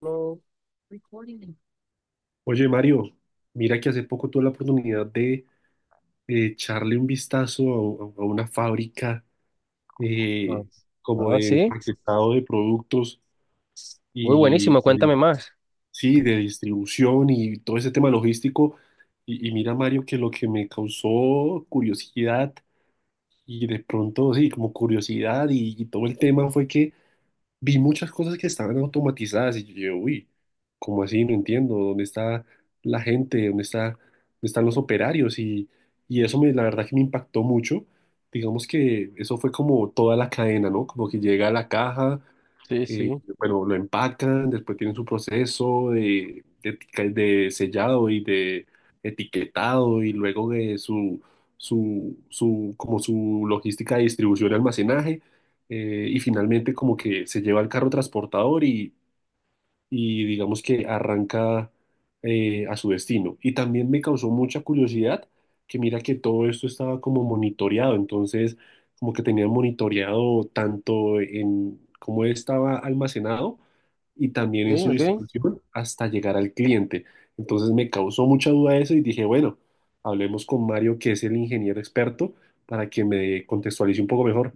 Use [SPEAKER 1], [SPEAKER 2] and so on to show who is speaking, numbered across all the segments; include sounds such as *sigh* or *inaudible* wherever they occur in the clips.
[SPEAKER 1] No.
[SPEAKER 2] Oye, Mario, mira que hace poco tuve la oportunidad de echarle un vistazo a una fábrica,
[SPEAKER 1] Ah,
[SPEAKER 2] eh, como
[SPEAKER 1] ah,
[SPEAKER 2] de
[SPEAKER 1] sí.
[SPEAKER 2] empaquetado de productos
[SPEAKER 1] Muy bu-
[SPEAKER 2] y de- sí, de distribución y todo ese tema logístico. Y mira, Mario, que lo que me causó curiosidad y de pronto, sí, como curiosidad y todo el tema fue que vi muchas cosas que estaban automatizadas y yo, uy, ¿cómo así? No entiendo, ¿dónde está la gente? ¿Dónde está, dónde están los operarios? Y eso me, la verdad que me impactó mucho. Digamos que eso fue como toda la cadena, ¿no? Como que llega a la caja,
[SPEAKER 1] Sí,
[SPEAKER 2] eh,
[SPEAKER 1] sí. Ok,
[SPEAKER 2] bueno, lo empacan, después tienen su proceso de sellado y de etiquetado y luego de su, como su logística de distribución y almacenaje, y finalmente como que se lleva al carro transportador y digamos que arranca a su destino. Y también me causó mucha curiosidad que mira que todo esto estaba como monitoreado, entonces como que tenían monitoreado tanto en cómo estaba almacenado y también en su
[SPEAKER 1] ok.
[SPEAKER 2] distribución hasta llegar al cliente. Entonces me causó mucha duda eso y dije, bueno, hablemos con Mario, que es el ingeniero experto, para que me contextualice un poco mejor.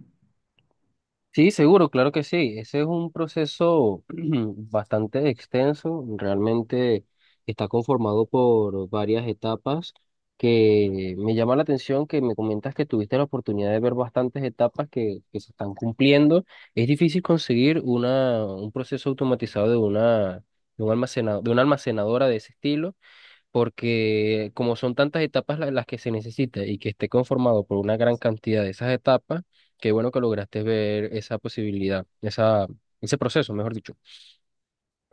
[SPEAKER 1] Sí, seguro, claro que sí. Ese es un proceso *clears throat* bastante extenso. Realmente está conformado por varias etapas que me llama la atención que me comentas que tuviste la oportunidad de ver bastantes etapas que se están cumpliendo. Es difícil conseguir un proceso automatizado de un almacenado, de una almacenadora de ese estilo, porque como son tantas etapas las que se necesita y que esté conformado por una gran cantidad de esas etapas, qué bueno que lograste ver esa posibilidad, ese proceso, mejor dicho.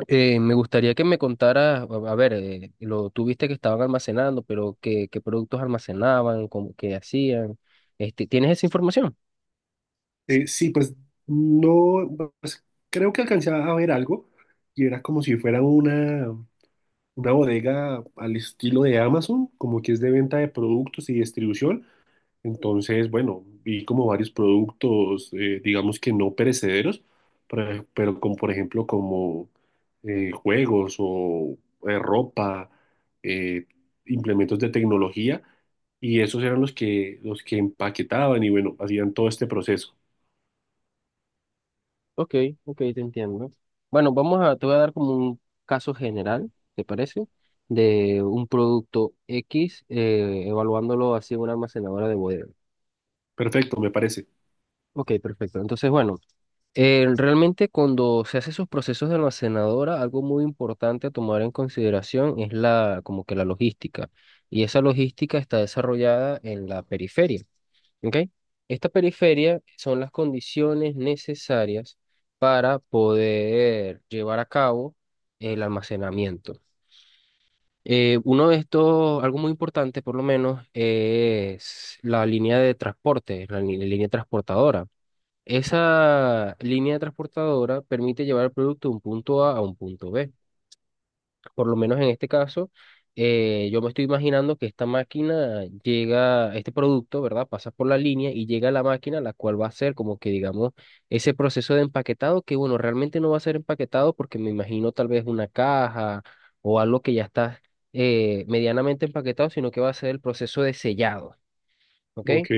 [SPEAKER 1] Me gustaría que me contaras, a ver, lo tuviste que estaban almacenando, pero qué productos almacenaban, cómo, qué hacían. Este, ¿tienes esa información?
[SPEAKER 2] Sí, pues no, pues, creo que alcancé a ver algo y era como si fuera una bodega al estilo de Amazon, como que es de venta de productos y distribución. Entonces, bueno, vi como varios productos, digamos que no perecederos, pero como por ejemplo como juegos o ropa, eh, implementos de tecnología y esos eran los que empaquetaban y bueno, hacían todo este proceso.
[SPEAKER 1] Ok, ok, te entiendo. Bueno, te voy a dar como un caso general, ¿te parece? De un producto X, evaluándolo así en una almacenadora de bodega.
[SPEAKER 2] Perfecto, me parece.
[SPEAKER 1] Ok, perfecto. Entonces, bueno, realmente cuando se hace esos procesos de almacenadora, algo muy importante a tomar en consideración es la, como que la logística. Y esa logística está desarrollada en la periferia. ¿Ok? Esta periferia son las condiciones necesarias para poder llevar a cabo el almacenamiento. Uno de estos, algo muy importante por lo menos, es la línea de transporte, línea transportadora. Esa línea transportadora permite llevar el producto de un punto A a un punto B, por lo menos en este caso. Yo me estoy imaginando que esta máquina llega, este producto, ¿verdad? Pasa por la línea y llega a la máquina, la cual va a ser como que, digamos, ese proceso de empaquetado, que bueno, realmente no va a ser empaquetado porque me imagino tal vez una caja o algo que ya está medianamente empaquetado, sino que va a ser el proceso de sellado. ¿Ok?
[SPEAKER 2] Ok.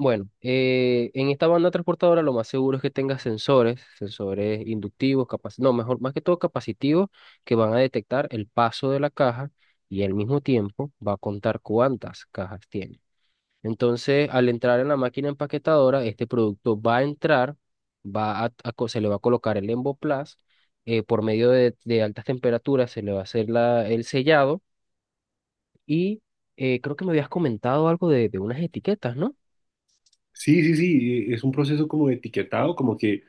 [SPEAKER 1] Bueno, en esta banda transportadora lo más seguro es que tenga sensores, sensores inductivos, no, mejor, más que todo capacitivos, que van a detectar el paso de la caja y al mismo tiempo va a contar cuántas cajas tiene. Entonces, al entrar en la máquina empaquetadora, este producto va a entrar, va a co- se le va a colocar el emboplaz. Por medio de altas temperaturas se le va a hacer el sellado. Y creo que me habías comentado algo de unas etiquetas, ¿no?
[SPEAKER 2] Sí, sí, sí, es un proceso como de etiquetado, como que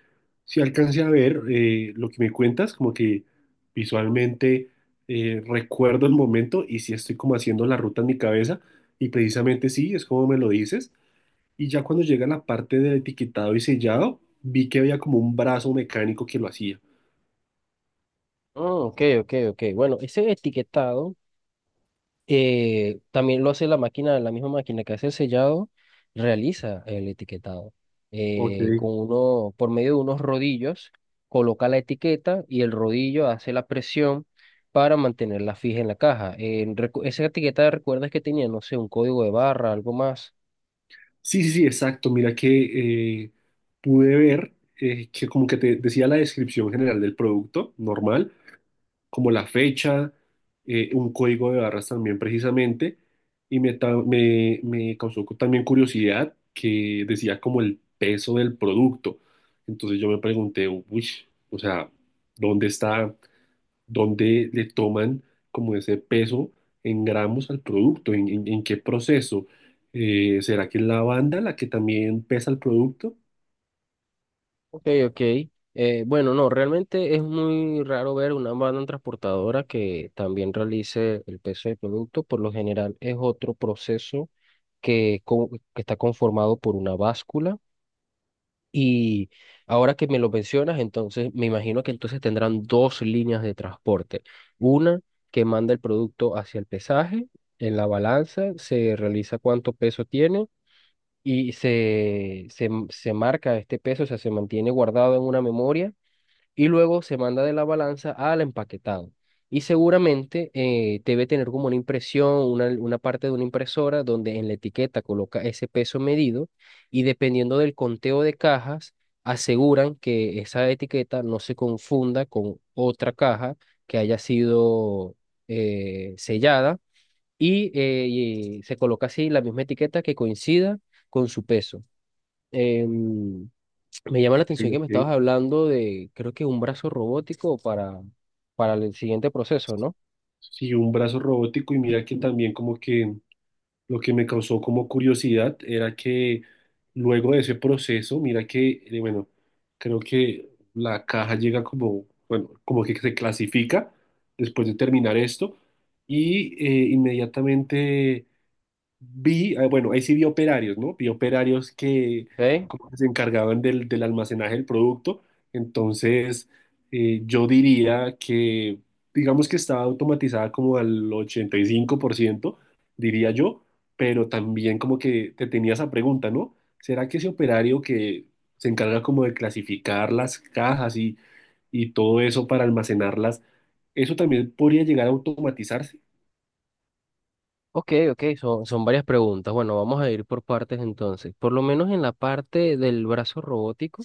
[SPEAKER 2] si alcancé a ver, lo que me cuentas, como que visualmente recuerdo el momento y si estoy como haciendo la ruta en mi cabeza y precisamente sí, es como me lo dices. Y ya cuando llega la parte del etiquetado y sellado, vi que había como un brazo mecánico que lo hacía.
[SPEAKER 1] Mm, ok, ok, ok. Bueno, ese etiquetado, también lo hace la máquina, la misma máquina que hace el sellado, realiza el etiquetado.
[SPEAKER 2] Ok.
[SPEAKER 1] Con uno, por medio de unos rodillos, coloca la etiqueta y el rodillo hace la presión para mantenerla fija en la caja. Esa etiqueta, ¿recuerdas que tenía, no sé, un código de barra, algo más?
[SPEAKER 2] Sí, sí, sí, exacto. Mira que, pude ver, que como que te decía la descripción general del producto normal, como la fecha, un código de barras también precisamente, y me causó también curiosidad que decía como el peso del producto. Entonces yo me pregunté, uy, o sea, ¿dónde está, dónde le toman como ese peso en gramos al producto? En qué proceso? ¿Será que es la banda la que también pesa el producto?
[SPEAKER 1] Ok, ok. Bueno, no, realmente es muy raro ver una banda transportadora que también realice el peso del producto. Por lo general es otro proceso que está conformado por una báscula. Y ahora que me lo mencionas, entonces me imagino que entonces tendrán dos líneas de transporte. Una que manda el producto hacia el pesaje, en la balanza se realiza cuánto peso tiene y se marca este peso, o sea, se mantiene guardado en una memoria y luego se manda de la balanza al empaquetado. Y seguramente debe tener como una impresión, una parte de una impresora donde en la etiqueta coloca ese peso medido y dependiendo del conteo de cajas, aseguran que esa etiqueta no se confunda con otra caja que haya sido sellada, y se coloca así la misma etiqueta que coincida con su peso. Em, Me llama la
[SPEAKER 2] Ok,
[SPEAKER 1] atención que me
[SPEAKER 2] ok.
[SPEAKER 1] estabas hablando de, creo que un brazo robótico para el siguiente proceso, ¿no?
[SPEAKER 2] Sí, un brazo robótico y mira que también como que lo que me causó como curiosidad era que luego de ese proceso, mira que, bueno, creo que la caja llega como, bueno, como que se clasifica después de terminar esto y inmediatamente vi, bueno, ahí sí vi operarios, ¿no? Vi operarios que
[SPEAKER 1] Ok,
[SPEAKER 2] como que se encargaban del almacenaje del producto. Entonces, yo diría que, digamos que estaba automatizada como al 85%, diría yo, pero también como que te tenía esa pregunta, ¿no? ¿Será que ese operario que se encarga como de clasificar las cajas y todo eso para almacenarlas, eso también podría llegar a automatizarse?
[SPEAKER 1] ok, ok, son varias preguntas. Bueno, vamos a ir por partes entonces. Por lo menos en la parte del brazo robótico,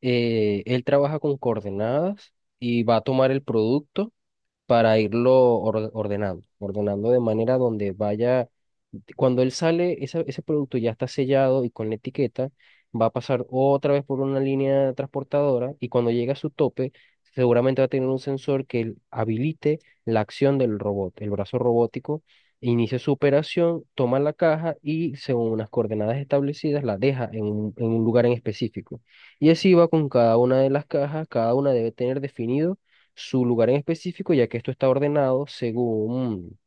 [SPEAKER 1] él trabaja con coordenadas y va a tomar el producto, para irlo ordenando, ordenando de manera donde vaya. Cuando él sale, ese producto ya está sellado y con la etiqueta, va a pasar otra vez por una línea transportadora y cuando llegue a su tope, seguramente va a tener un sensor que habilite la acción del robot, el brazo robótico. Inicia su operación, toma la caja y según unas coordenadas establecidas la deja en en un lugar en específico. Y así va con cada una de las cajas, cada una debe tener definido su lugar en específico, ya que esto está ordenado según,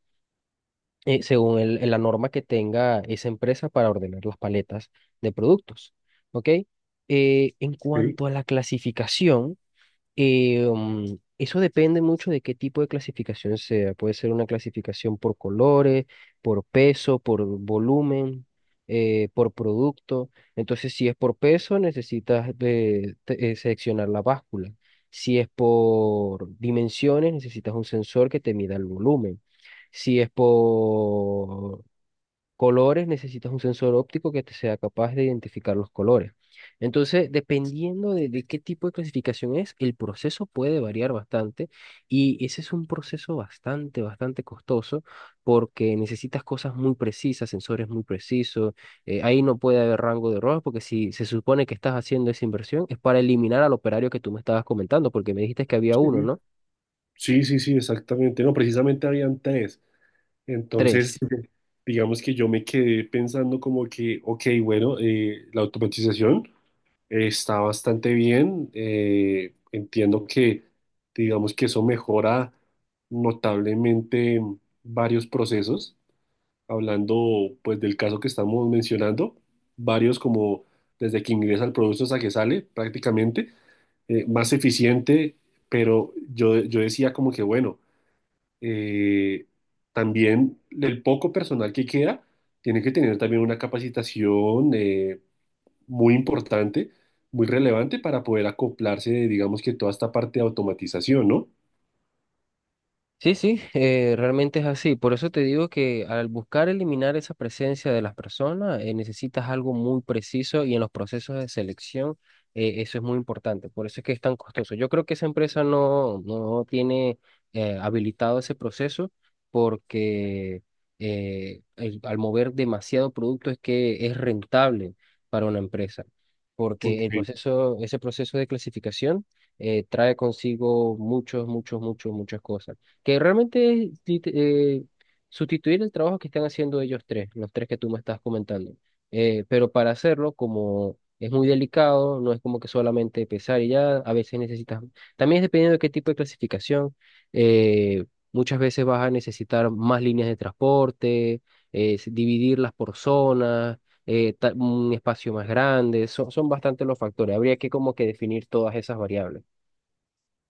[SPEAKER 1] según la norma que tenga esa empresa para ordenar las paletas de productos. ¿Ok? En
[SPEAKER 2] Sí,
[SPEAKER 1] cuanto a la clasificación, eso depende mucho de qué tipo de clasificación sea. Puede ser una clasificación por colores, por peso, por volumen, por producto. Entonces, si es por peso, necesitas seleccionar la báscula. Si es por dimensiones, necesitas un sensor que te mida el volumen. Si es por colores, necesitas un sensor óptico que te sea capaz de identificar los colores. Entonces, dependiendo de qué tipo de clasificación es, el proceso puede variar bastante, y ese es un proceso bastante, bastante costoso porque necesitas cosas muy precisas, sensores muy precisos. Ahí no puede haber rango de error porque si se supone que estás haciendo esa inversión es para eliminar al operario que tú me estabas comentando, porque me dijiste que había uno,
[SPEAKER 2] sí,
[SPEAKER 1] ¿no?
[SPEAKER 2] sí, sí, sí, exactamente. No, precisamente habían tres. Entonces,
[SPEAKER 1] Tres.
[SPEAKER 2] ujú, digamos que yo me quedé pensando como que, ok, bueno, la automatización, está bastante bien. Eh, entiendo que, digamos que eso mejora notablemente varios procesos. Hablando pues del caso que estamos mencionando, varios como desde que ingresa el producto hasta que sale prácticamente, más eficiente, pero yo decía como que, bueno, eh, también el poco personal que queda tiene que tener también una capacitación, muy importante, muy relevante para poder acoplarse, digamos que toda esta parte de automatización, ¿no?
[SPEAKER 1] Sí, sí, realmente es así. Por eso te digo que al buscar eliminar esa presencia de las personas, necesitas algo muy preciso, y en los procesos de selección, eso es muy importante. Por eso es que es tan costoso. Yo creo que esa empresa no, no tiene habilitado ese proceso porque al mover demasiado producto es que es rentable para una empresa.
[SPEAKER 2] Ok,
[SPEAKER 1] Porque el proceso, ese proceso de clasificación trae consigo muchos, muchos, muchos, muchas cosas, que realmente es sustituir el trabajo que están haciendo ellos tres, los tres que tú me estás comentando. Pero para hacerlo, como es muy delicado, no es como que solamente pesar y ya, a veces necesitas, también es dependiendo de qué tipo de clasificación, eh, muchas veces vas a necesitar más líneas de transporte, dividirlas por zonas. Un espacio más grande, son bastante los factores, habría que como que definir todas esas variables.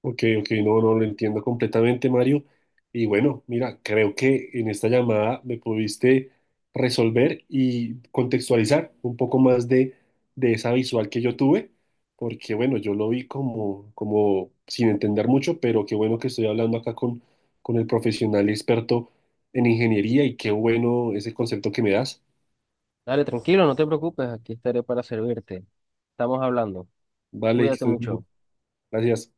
[SPEAKER 2] ok, ok, no, no lo entiendo completamente, Mario. Y bueno, mira, creo que en esta llamada me pudiste resolver y contextualizar un poco más de esa visual que yo tuve, porque bueno, yo lo vi como, como sin entender mucho, pero qué bueno que estoy hablando acá con el profesional experto en ingeniería y qué bueno ese concepto que me das.
[SPEAKER 1] Dale, tranquilo, no te preocupes, aquí estaré para servirte. Estamos hablando.
[SPEAKER 2] Vale, que
[SPEAKER 1] Cuídate
[SPEAKER 2] estés bien.
[SPEAKER 1] mucho.
[SPEAKER 2] Gracias.